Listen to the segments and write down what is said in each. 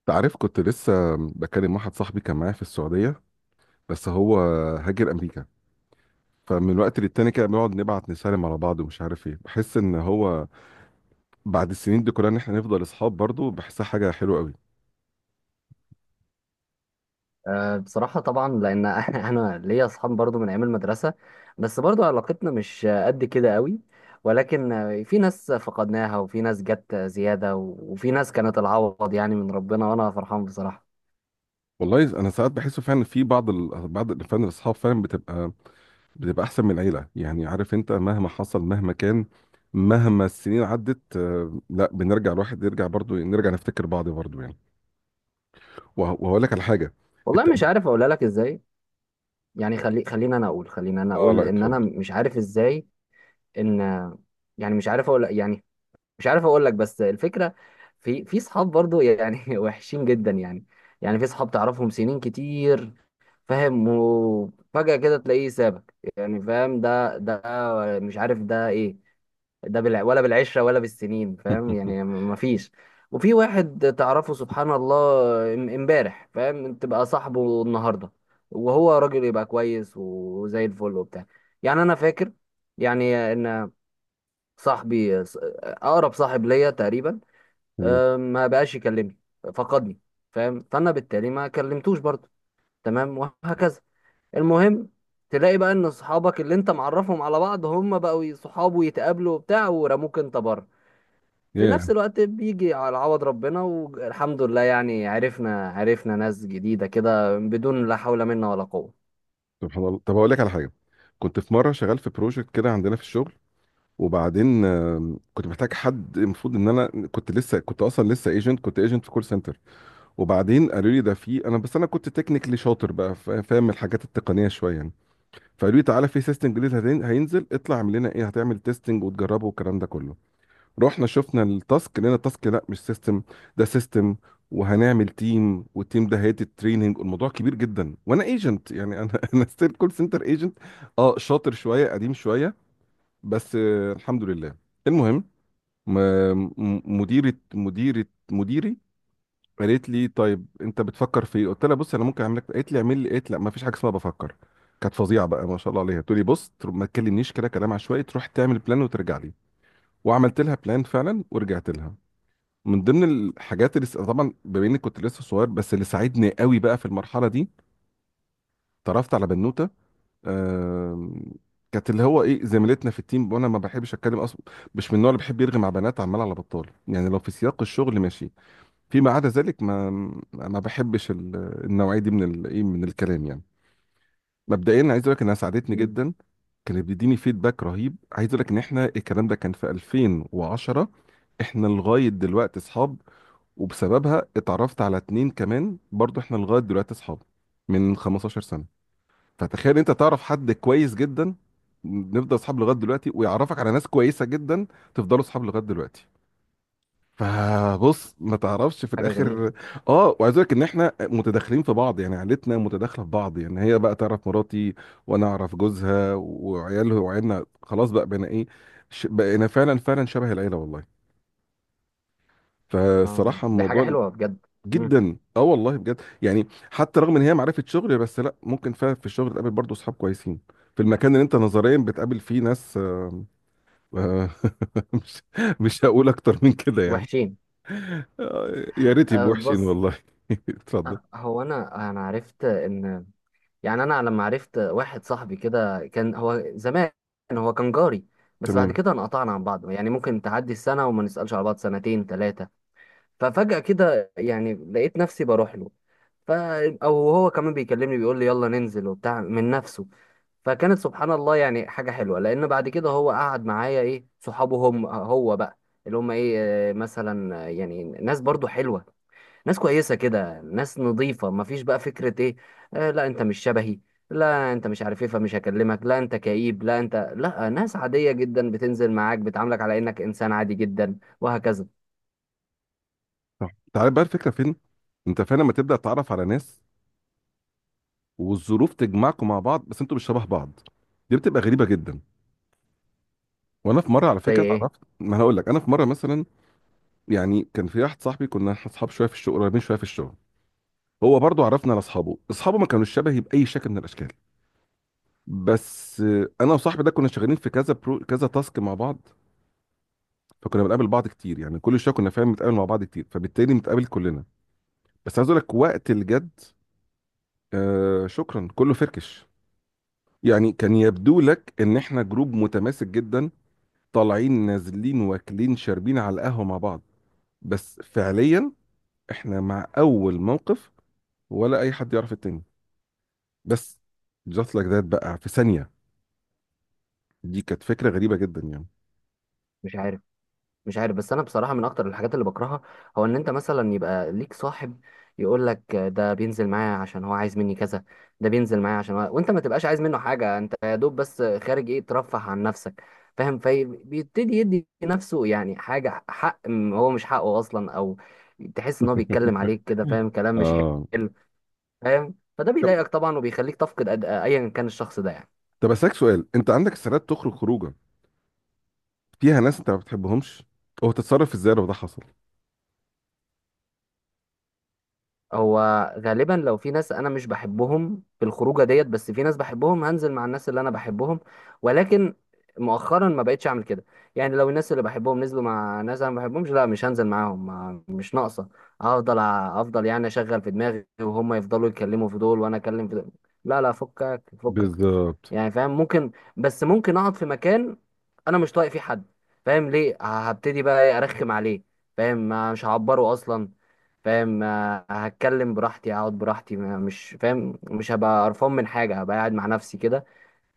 انت عارف كنت لسه بكلم واحد صاحبي كان معايا في السعودية، بس هو هاجر أمريكا. فمن وقت للتاني كده بنقعد نبعت نسالم على بعض ومش عارف ايه، بحس ان هو بعد السنين دي كلها ان احنا نفضل اصحاب برضه، بحسها حاجة حلوة قوي. أه، بصراحة طبعا، لأن أنا ليا أصحاب برضو من أيام المدرسة، بس برضو علاقتنا مش قد كده قوي. ولكن في ناس فقدناها، وفي ناس جت زيادة، وفي ناس كانت العوض يعني من ربنا، وأنا فرحان بصراحة. والله انا ساعات بحس فعلا في فعلا الاصحاب فعلا بتبقى احسن من العيلة، يعني عارف انت مهما حصل مهما كان مهما السنين عدت، لا بنرجع الواحد يرجع برضه، نرجع نفتكر بعض برضه يعني. وهقول لك على حاجة. والله انت. مش عارف أقولها لك إزاي. يعني خلينا أنا أقول، اه لا إن أنا اتفضل. مش عارف إزاي. إن، يعني مش عارف أقول لك، بس الفكرة في صحاب برضو يعني وحشين جدا يعني. يعني في صحاب تعرفهم سنين كتير، فاهم، وفجأة كده تلاقيه سابك يعني، فاهم. ده مش عارف ده ايه. ده ولا بالعشرة ولا بالسنين، فاهم يعني. مفيش. وفي واحد تعرفه سبحان الله، امبارح فاهم تبقى صاحبه النهارده، وهو راجل يبقى كويس وزي الفل وبتاع. يعني انا فاكر يعني ان صاحبي اقرب صاحب ليا تقريبا، تمام. ما بقاش يكلمني، فقدني، فاهم. فانا بالتالي ما كلمتوش برضه، تمام، وهكذا. المهم، تلاقي بقى ان صحابك اللي انت معرفهم على بعض هم بقوا صحاب ويتقابلوا وبتاع، ورموك انت بره. في نفس الوقت بيجي على عوض ربنا والحمد لله. يعني عرفنا ناس جديدة كده بدون لا حول منا ولا قوة. سبحان الله. طب اقول لك على حاجه. كنت في مره شغال في بروجكت كده عندنا في الشغل، وبعدين كنت محتاج حد. المفروض ان انا كنت لسه، كنت اصلا لسه ايجنت، كنت ايجنت في كول سنتر. وبعدين قالوا لي ده في انا، بس انا كنت تكنيكلي شاطر بقى، فاهم الحاجات التقنيه شويه يعني. فقالوا لي تعالى في سيستم جديد هينزل، اطلع اعمل لنا ايه، هتعمل تيستنج وتجربه والكلام ده كله. رحنا شفنا التاسك، لقينا التاسك لا مش سيستم، ده سيستم، وهنعمل تيم، والتيم ده هيدي التريننج. الموضوع كبير جدا وانا ايجنت يعني، انا انا ستيل كول سنتر ايجنت، اه شاطر شويه، قديم شويه، بس آه الحمد لله. المهم م- م- مديرة مديرة مديري قالت لي طيب انت بتفكر في ايه؟ قلت لها بص انا ممكن اعمل لك. قالت لي اعمل لي، قالت لا ما فيش حاجه اسمها بفكر. كانت فظيعه بقى ما شاء الله عليها، تقول لي بص ما تكلمنيش كده كلام عشوائي، تروح تعمل بلان وترجع لي. وعملت لها بلان فعلا ورجعت لها. من ضمن الحاجات اللي طبعا بما اني كنت لسه صغير، بس اللي ساعدني قوي بقى في المرحله دي، اتعرفت على بنوته. آم، كانت اللي هو ايه زميلتنا في التيم، وانا ما بحبش اتكلم اصلا، مش من النوع اللي بيحب يرغي مع بنات عمال على بطال يعني. لو في سياق الشغل ماشي، فيما عدا ذلك ما بحبش النوعيه دي من الايه، من الكلام يعني. مبدئيا عايز اقول لك انها ساعدتني مم. جدا. كانت بتديني فيدباك رهيب. عايز اقول لك ان احنا الكلام ده كان في 2010، احنا لغايه دلوقتي اصحاب. وبسببها اتعرفت على اتنين كمان برضو، احنا لغاية دلوقتي اصحاب من 15 سنة. فتخيل انت تعرف حد كويس جدا، نفضل اصحاب لغاية دلوقتي، ويعرفك على ناس كويسة جدا، تفضلوا اصحاب لغاية دلوقتي. فبص ما تعرفش في حاجة جميلة. الاخر. اه وعايز اقول لك ان احنا متداخلين في بعض يعني، عيلتنا متداخله في بعض يعني، هي بقى تعرف مراتي وانا اعرف جوزها وعياله وعيالنا، خلاص بقى بقينا ايه، بقينا فعلا فعلا شبه العيله والله. اه، فالصراحه دي حاجة الموضوع حلوة بجد. مم. جدا. اه والله بجد يعني، حتى رغم ان هي معرفه شغل، بس لا ممكن فعلا في الشغل تقابل برضه اصحاب كويسين في المكان اللي انت نظريا بتقابل فيه ناس مش مش هقول اكتر من كده يعني. وحشين. يا ريت أه، يبقوا وحشين بص. والله. اتفضل. هو انا عرفت ان، يعني انا لما عرفت واحد صاحبي كده، كان هو زمان هو كان جاري، بس بعد تمام كده انقطعنا عن بعض. يعني ممكن تعدي السنة وما نسألش على بعض، سنتين ثلاثة. ففجأة كده يعني لقيت نفسي بروح له، ف او هو كمان بيكلمني بيقول لي يلا ننزل وبتاع من نفسه. فكانت سبحان الله يعني حاجة حلوة، لأن بعد كده هو قعد معايا إيه، صحابه هم هو بقى، اللي هم إيه، مثلا، يعني ناس برضو حلوة، ناس كويسة كده، ناس نظيفة، مفيش بقى فكرة ايه، لا انت مش شبهي، لا انت مش عارف ايه فمش هكلمك، لا انت كئيب، لا انت، لا. ناس عادية جدا بتنزل معاك، بتعاملك على انك انسان عادي جدا، وهكذا. صح. تعال بقى الفكره فين. انت فعلا لما تبدا تتعرف على ناس والظروف تجمعكم مع بعض، بس انتوا مش شبه بعض، دي بتبقى غريبه جدا. وانا في مره على زي فكره، ايوه ايه؟ اتعرفت، ما انا هقول لك انا في مره مثلا. يعني كان في واحد صاحبي، كنا احنا اصحاب شويه في الشغل، قريبين شويه في الشغل. هو برضه عرفنا على اصحابه، اصحابه ما كانوش شبهي باي شكل من الاشكال. بس انا وصاحبي ده كنا شغالين في كذا برو، كذا تاسك مع بعض، فكنا بنقابل بعض كتير يعني، كل شويه كنا فاهم بنتقابل مع بعض كتير، فبالتالي بنتقابل كلنا. بس عايز اقول لك وقت الجد، آه شكرا كله فركش. يعني كان يبدو لك ان احنا جروب متماسك جدا، طالعين نازلين واكلين شاربين على القهوه مع بعض، بس فعليا احنا مع اول موقف ولا اي حد يعرف التاني. بس جات لك ده بقى في ثانيه. دي كانت فكرة غريبة جدا يعني. مش عارف مش عارف، بس انا بصراحه من اكتر الحاجات اللي بكرهها، هو ان انت مثلا يبقى ليك صاحب يقول لك ده بينزل معايا عشان هو عايز مني كذا، ده بينزل معايا عشان وانت ما تبقاش عايز منه حاجه. انت يا دوب بس خارج، ايه، ترفه عن نفسك، فاهم. فبيبتدي يدي نفسه يعني حاجه حق، هو مش حقه اصلا. او تحس ان هو بيتكلم عليك كده، فاهم، كلام مش اه. حلو. فاهم، فده طب بيضايقك طبعا، وبيخليك تفقد ايا كان الشخص ده يعني. طب اسالك سؤال. انت عندك استعداد تخرج خروجه فيها ناس انت ما بتحبهمش؟ هو تتصرف ازاي لو ده حصل؟ هو غالبا، لو في ناس انا مش بحبهم في الخروجه ديت، بس في ناس بحبهم، هنزل مع الناس اللي انا بحبهم. ولكن مؤخرا ما بقتش اعمل كده. يعني لو الناس اللي بحبهم نزلوا مع ناس انا ما بحبهمش، لا، مش هنزل معاهم. مش ناقصه. هفضل افضل يعني اشغل في دماغي وهم يفضلوا يتكلموا في دول وانا اكلم في دول، لا لا، فكك فكك. بالظبط. يعني فاهم ممكن، بس ممكن اقعد في مكان انا مش طايق فيه حد، فاهم ليه. هبتدي بقى إيه، ارخم عليه؟ فاهم، مش هعبره اصلا، فاهم. هتكلم براحتي، اقعد براحتي، مش، فاهم، مش هبقى قرفان من حاجه، هبقى قاعد مع نفسي كده،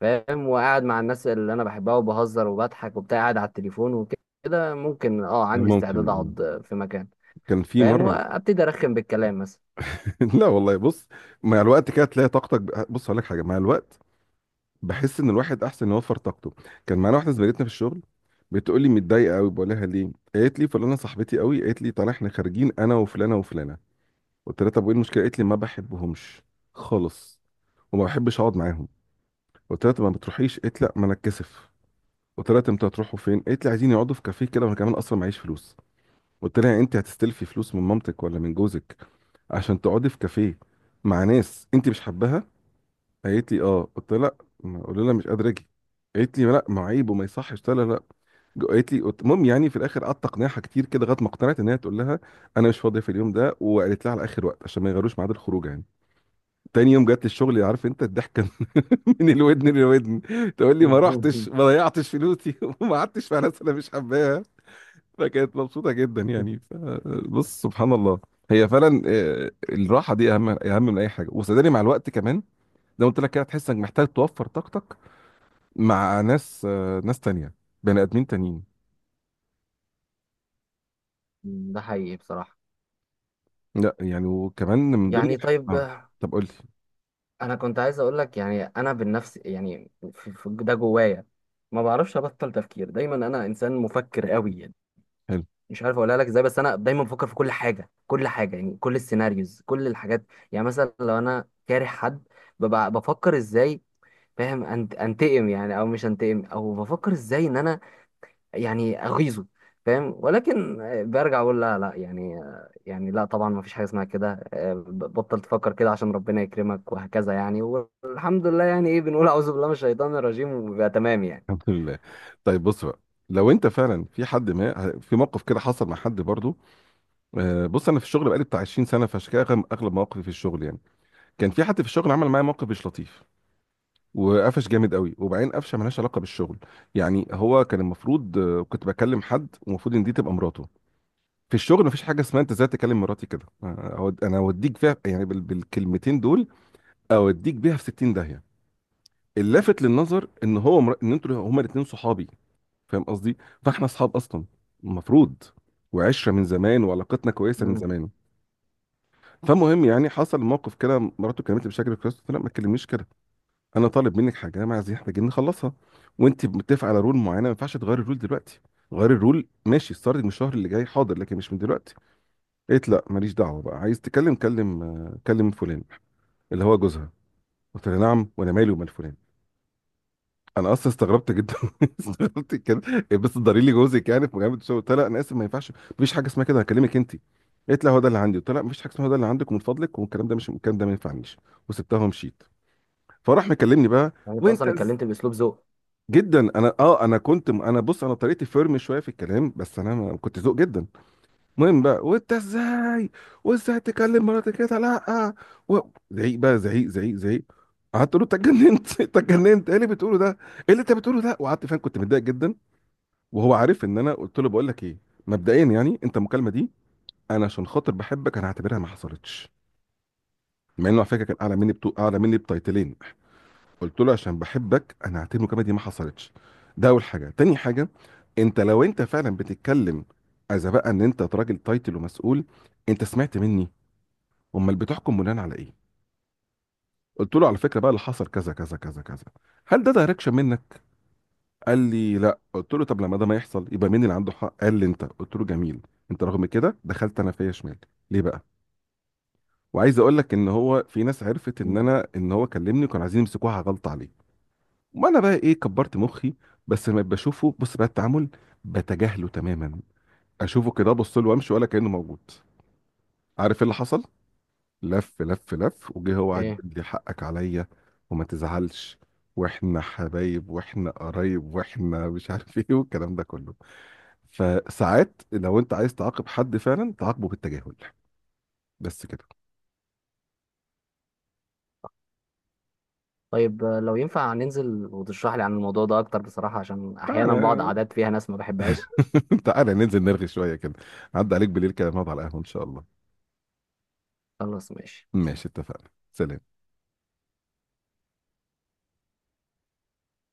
فاهم، وقاعد مع الناس اللي انا بحبها، وبهزر وبضحك وبتاع، قاعد على التليفون وكده. ممكن، اه، عندي ممكن استعداد آه. اقعد في مكان، كان في فاهم، مره. وابتدي ارخم بالكلام مثلا. لا والله بص، مع الوقت كده تلاقي طاقتك بص هقول لك حاجه، مع الوقت بحس ان الواحد احسن يوفر طاقته. كان معانا واحده زميلتنا في الشغل، بتقول لي متضايقه قوي. بقول لها ليه؟ قالت لي فلانه صاحبتي قوي، قالت لي طالع احنا خارجين انا وفلانه وفلانه. قلت لها طب وايه المشكله؟ قالت لي ما بحبهمش خالص، وما بحبش اقعد معاهم. قلت لها طب ما بتروحيش؟ قالت لا ما انا اتكسف. قلت لها طب انتوا هتروحوا فين؟ قالت لي عايزين يقعدوا في كافيه كده، وانا كمان اصلا معيش فلوس. قلت لها يعني انت هتستلفي فلوس من مامتك ولا من جوزك عشان تقعدي في كافيه مع ناس انت مش حباها؟ قالت لي اه. قلت لها لا، ما قلت لها مش قادره اجي. قالت لي لا ما عيب وما يصحش. قلت لها لا. قالت لي المهم يعني في الاخر قعدت اقنعها كتير كده لغايه ما اقتنعت ان هي تقول لها انا مش فاضيه في اليوم ده، وقالت لها على اخر وقت عشان ما يغيروش ميعاد الخروج يعني. تاني يوم جت الشغل عارف انت الضحكه من الودن للودن، تقول لي ما رحتش، ما ضيعتش فلوسي وما قعدتش في ناس انا مش حباها. فكانت مبسوطه جدا يعني. بص سبحان الله، هي فعلا الراحه دي اهم اهم من اي حاجه. وصدقني مع الوقت كمان، زي ما قلت لك كده، هتحس انك محتاج توفر طاقتك مع ناس ناس تانية، بني ادمين تانيين. ده حقيقي بصراحه. لا يعني، وكمان من ضمن يعني طيب، طب قول لي. انا كنت عايز اقول لك، يعني انا بالنفس يعني، في ده جوايا ما بعرفش ابطل تفكير. دايما انا انسان مفكر قوي يعني. حلو. مش عارف اقولها لك ازاي، بس انا دايما بفكر في كل حاجه، كل حاجه، يعني كل السيناريوز، كل الحاجات. يعني مثلا لو انا كاره حد، ببقى بفكر ازاي، فاهم، أنت انتقم يعني، او مش انتقم، او بفكر ازاي ان انا يعني اغيظه، فاهم. ولكن برجع اقول لا لا، يعني، يعني لا طبعا، ما فيش حاجه اسمها كده. بطل تفكر كده عشان ربنا يكرمك، وهكذا يعني. والحمد لله، يعني ايه، بنقول اعوذ بالله من الشيطان الرجيم، وبيبقى تمام يعني. الحمد لله. طيب بص بقى، لو انت فعلا في حد، ما في موقف كده حصل مع حد برضو، بص انا في الشغل بقالي بتاع 20 سنه، فعشان كده اغلب أغلب مواقفي في الشغل يعني. كان في حد في الشغل عمل معايا موقف مش لطيف، وقفش جامد قوي، وبعدين قفشه ملهاش علاقه بالشغل. يعني هو كان المفروض كنت بكلم حد ومفروض ان دي تبقى مراته. في الشغل مفيش حاجه اسمها انت ازاي تكلم مراتي كده. انا اوديك فيها يعني بالكلمتين دول، اوديك بيها في 60 داهيه. اللافت للنظر ان ان انتوا هما الاثنين صحابي، فاهم قصدي؟ فاحنا اصحاب اصلا المفروض، وعشره من زمان وعلاقتنا كويسه من مم. زمان. فالمهم يعني حصل موقف كده، مراته كلمتني بشكل كويس. قلت لها ما تكلمنيش كده، انا طالب منك حاجه، انا عايزين محتاجين نخلصها، وانت متفقه على رول معينه، ما ينفعش تغيري الرول دلوقتي. غيري الرول ماشي ستارتنج من الشهر اللي جاي حاضر، لكن مش من دلوقتي. قالت لا ماليش دعوه بقى، عايز تكلم كلم، كلم فلان اللي هو جوزها. قلت لها نعم، وانا مالي ومال فلان؟ انا اصلا استغربت جدا. استغربت كده. إيه، بس ضري لي جوزك يعني في مجامله الشغل؟ قلت لها انا اسف ما ينفعش، مفيش حاجه اسمها كده، هكلمك انت. قالت لها هو ده اللي عندي. قلت لها مفيش حاجه اسمها هو ده اللي عندك، ومن فضلك والكلام ده، مش الكلام ده ما ينفعنيش. وسبتها ومشيت. فراح مكلمني بقى. يعني انت وانت اصلا إز- اتكلمت باسلوب ذوق. جدا. انا كنت، انا بص، انا طريقتي فيرم شويه في الكلام، بس انا كنت ذوق جدا. المهم بقى، وانت ازاي؟ وازاي تكلم مراتك كده؟ لا و... زعيق بقى، زعيق زعيق زعيق. قعدت اقول له انت اتجننت؟ انت اتجننت؟ ايه اللي بتقوله ده؟ ايه اللي انت بتقوله ده؟ وقعدت فعلا كنت متضايق جدا. وهو عارف ان انا قلت له بقول لك ايه. مبدئيا يعني انت المكالمه دي انا عشان خاطر بحبك انا هعتبرها ما حصلتش، مع انه على فكره كان اعلى مني اعلى مني بتايتلين. قلت له عشان بحبك انا هعتبر المكالمه دي ما حصلتش، ده اول حاجه. تاني حاجه، انت لو انت فعلا بتتكلم، اذا بقى ان انت راجل تايتل ومسؤول، انت سمعت مني؟ امال بتحكم بناء على ايه؟ قلت له على فكره بقى اللي حصل كذا كذا كذا كذا. هل ده دايركشن منك؟ قال لي لا. قلت له طب لما ده ما يحصل يبقى مين اللي عنده حق؟ قال لي انت. قلت له جميل. انت رغم كده دخلت انا فيا شمال، ليه بقى؟ وعايز اقول لك ان هو في ناس عرفت ان مم. انا، ان هو كلمني، وكانوا عايزين يمسكوها غلط عليه. ما انا بقى ايه كبرت مخي، بس لما بشوفه، بص بقى التعامل، بتجاهله تماما، اشوفه كده ابص له وامشي ولا كانه موجود. عارف إيه اللي حصل؟ لف لف لف وجه، هو قعد ايه. يقول لي حقك عليا وما تزعلش واحنا حبايب واحنا قرايب واحنا مش عارف ايه والكلام ده كله. فساعات لو انت عايز تعاقب حد فعلا، تعاقبه بالتجاهل، بس كده. طيب، لو ينفع ننزل وتشرح لي عن الموضوع ده اكتر بصراحه، عشان احيانا بعض تعالى. عادات فيها ناس ما بحبهاش. تعالى ننزل نرغي شوية كده، عدى عليك بالليل كده نقعد على القهوة ان شاء الله. خلاص، ماشي. ماشي اتفقنا. سلام.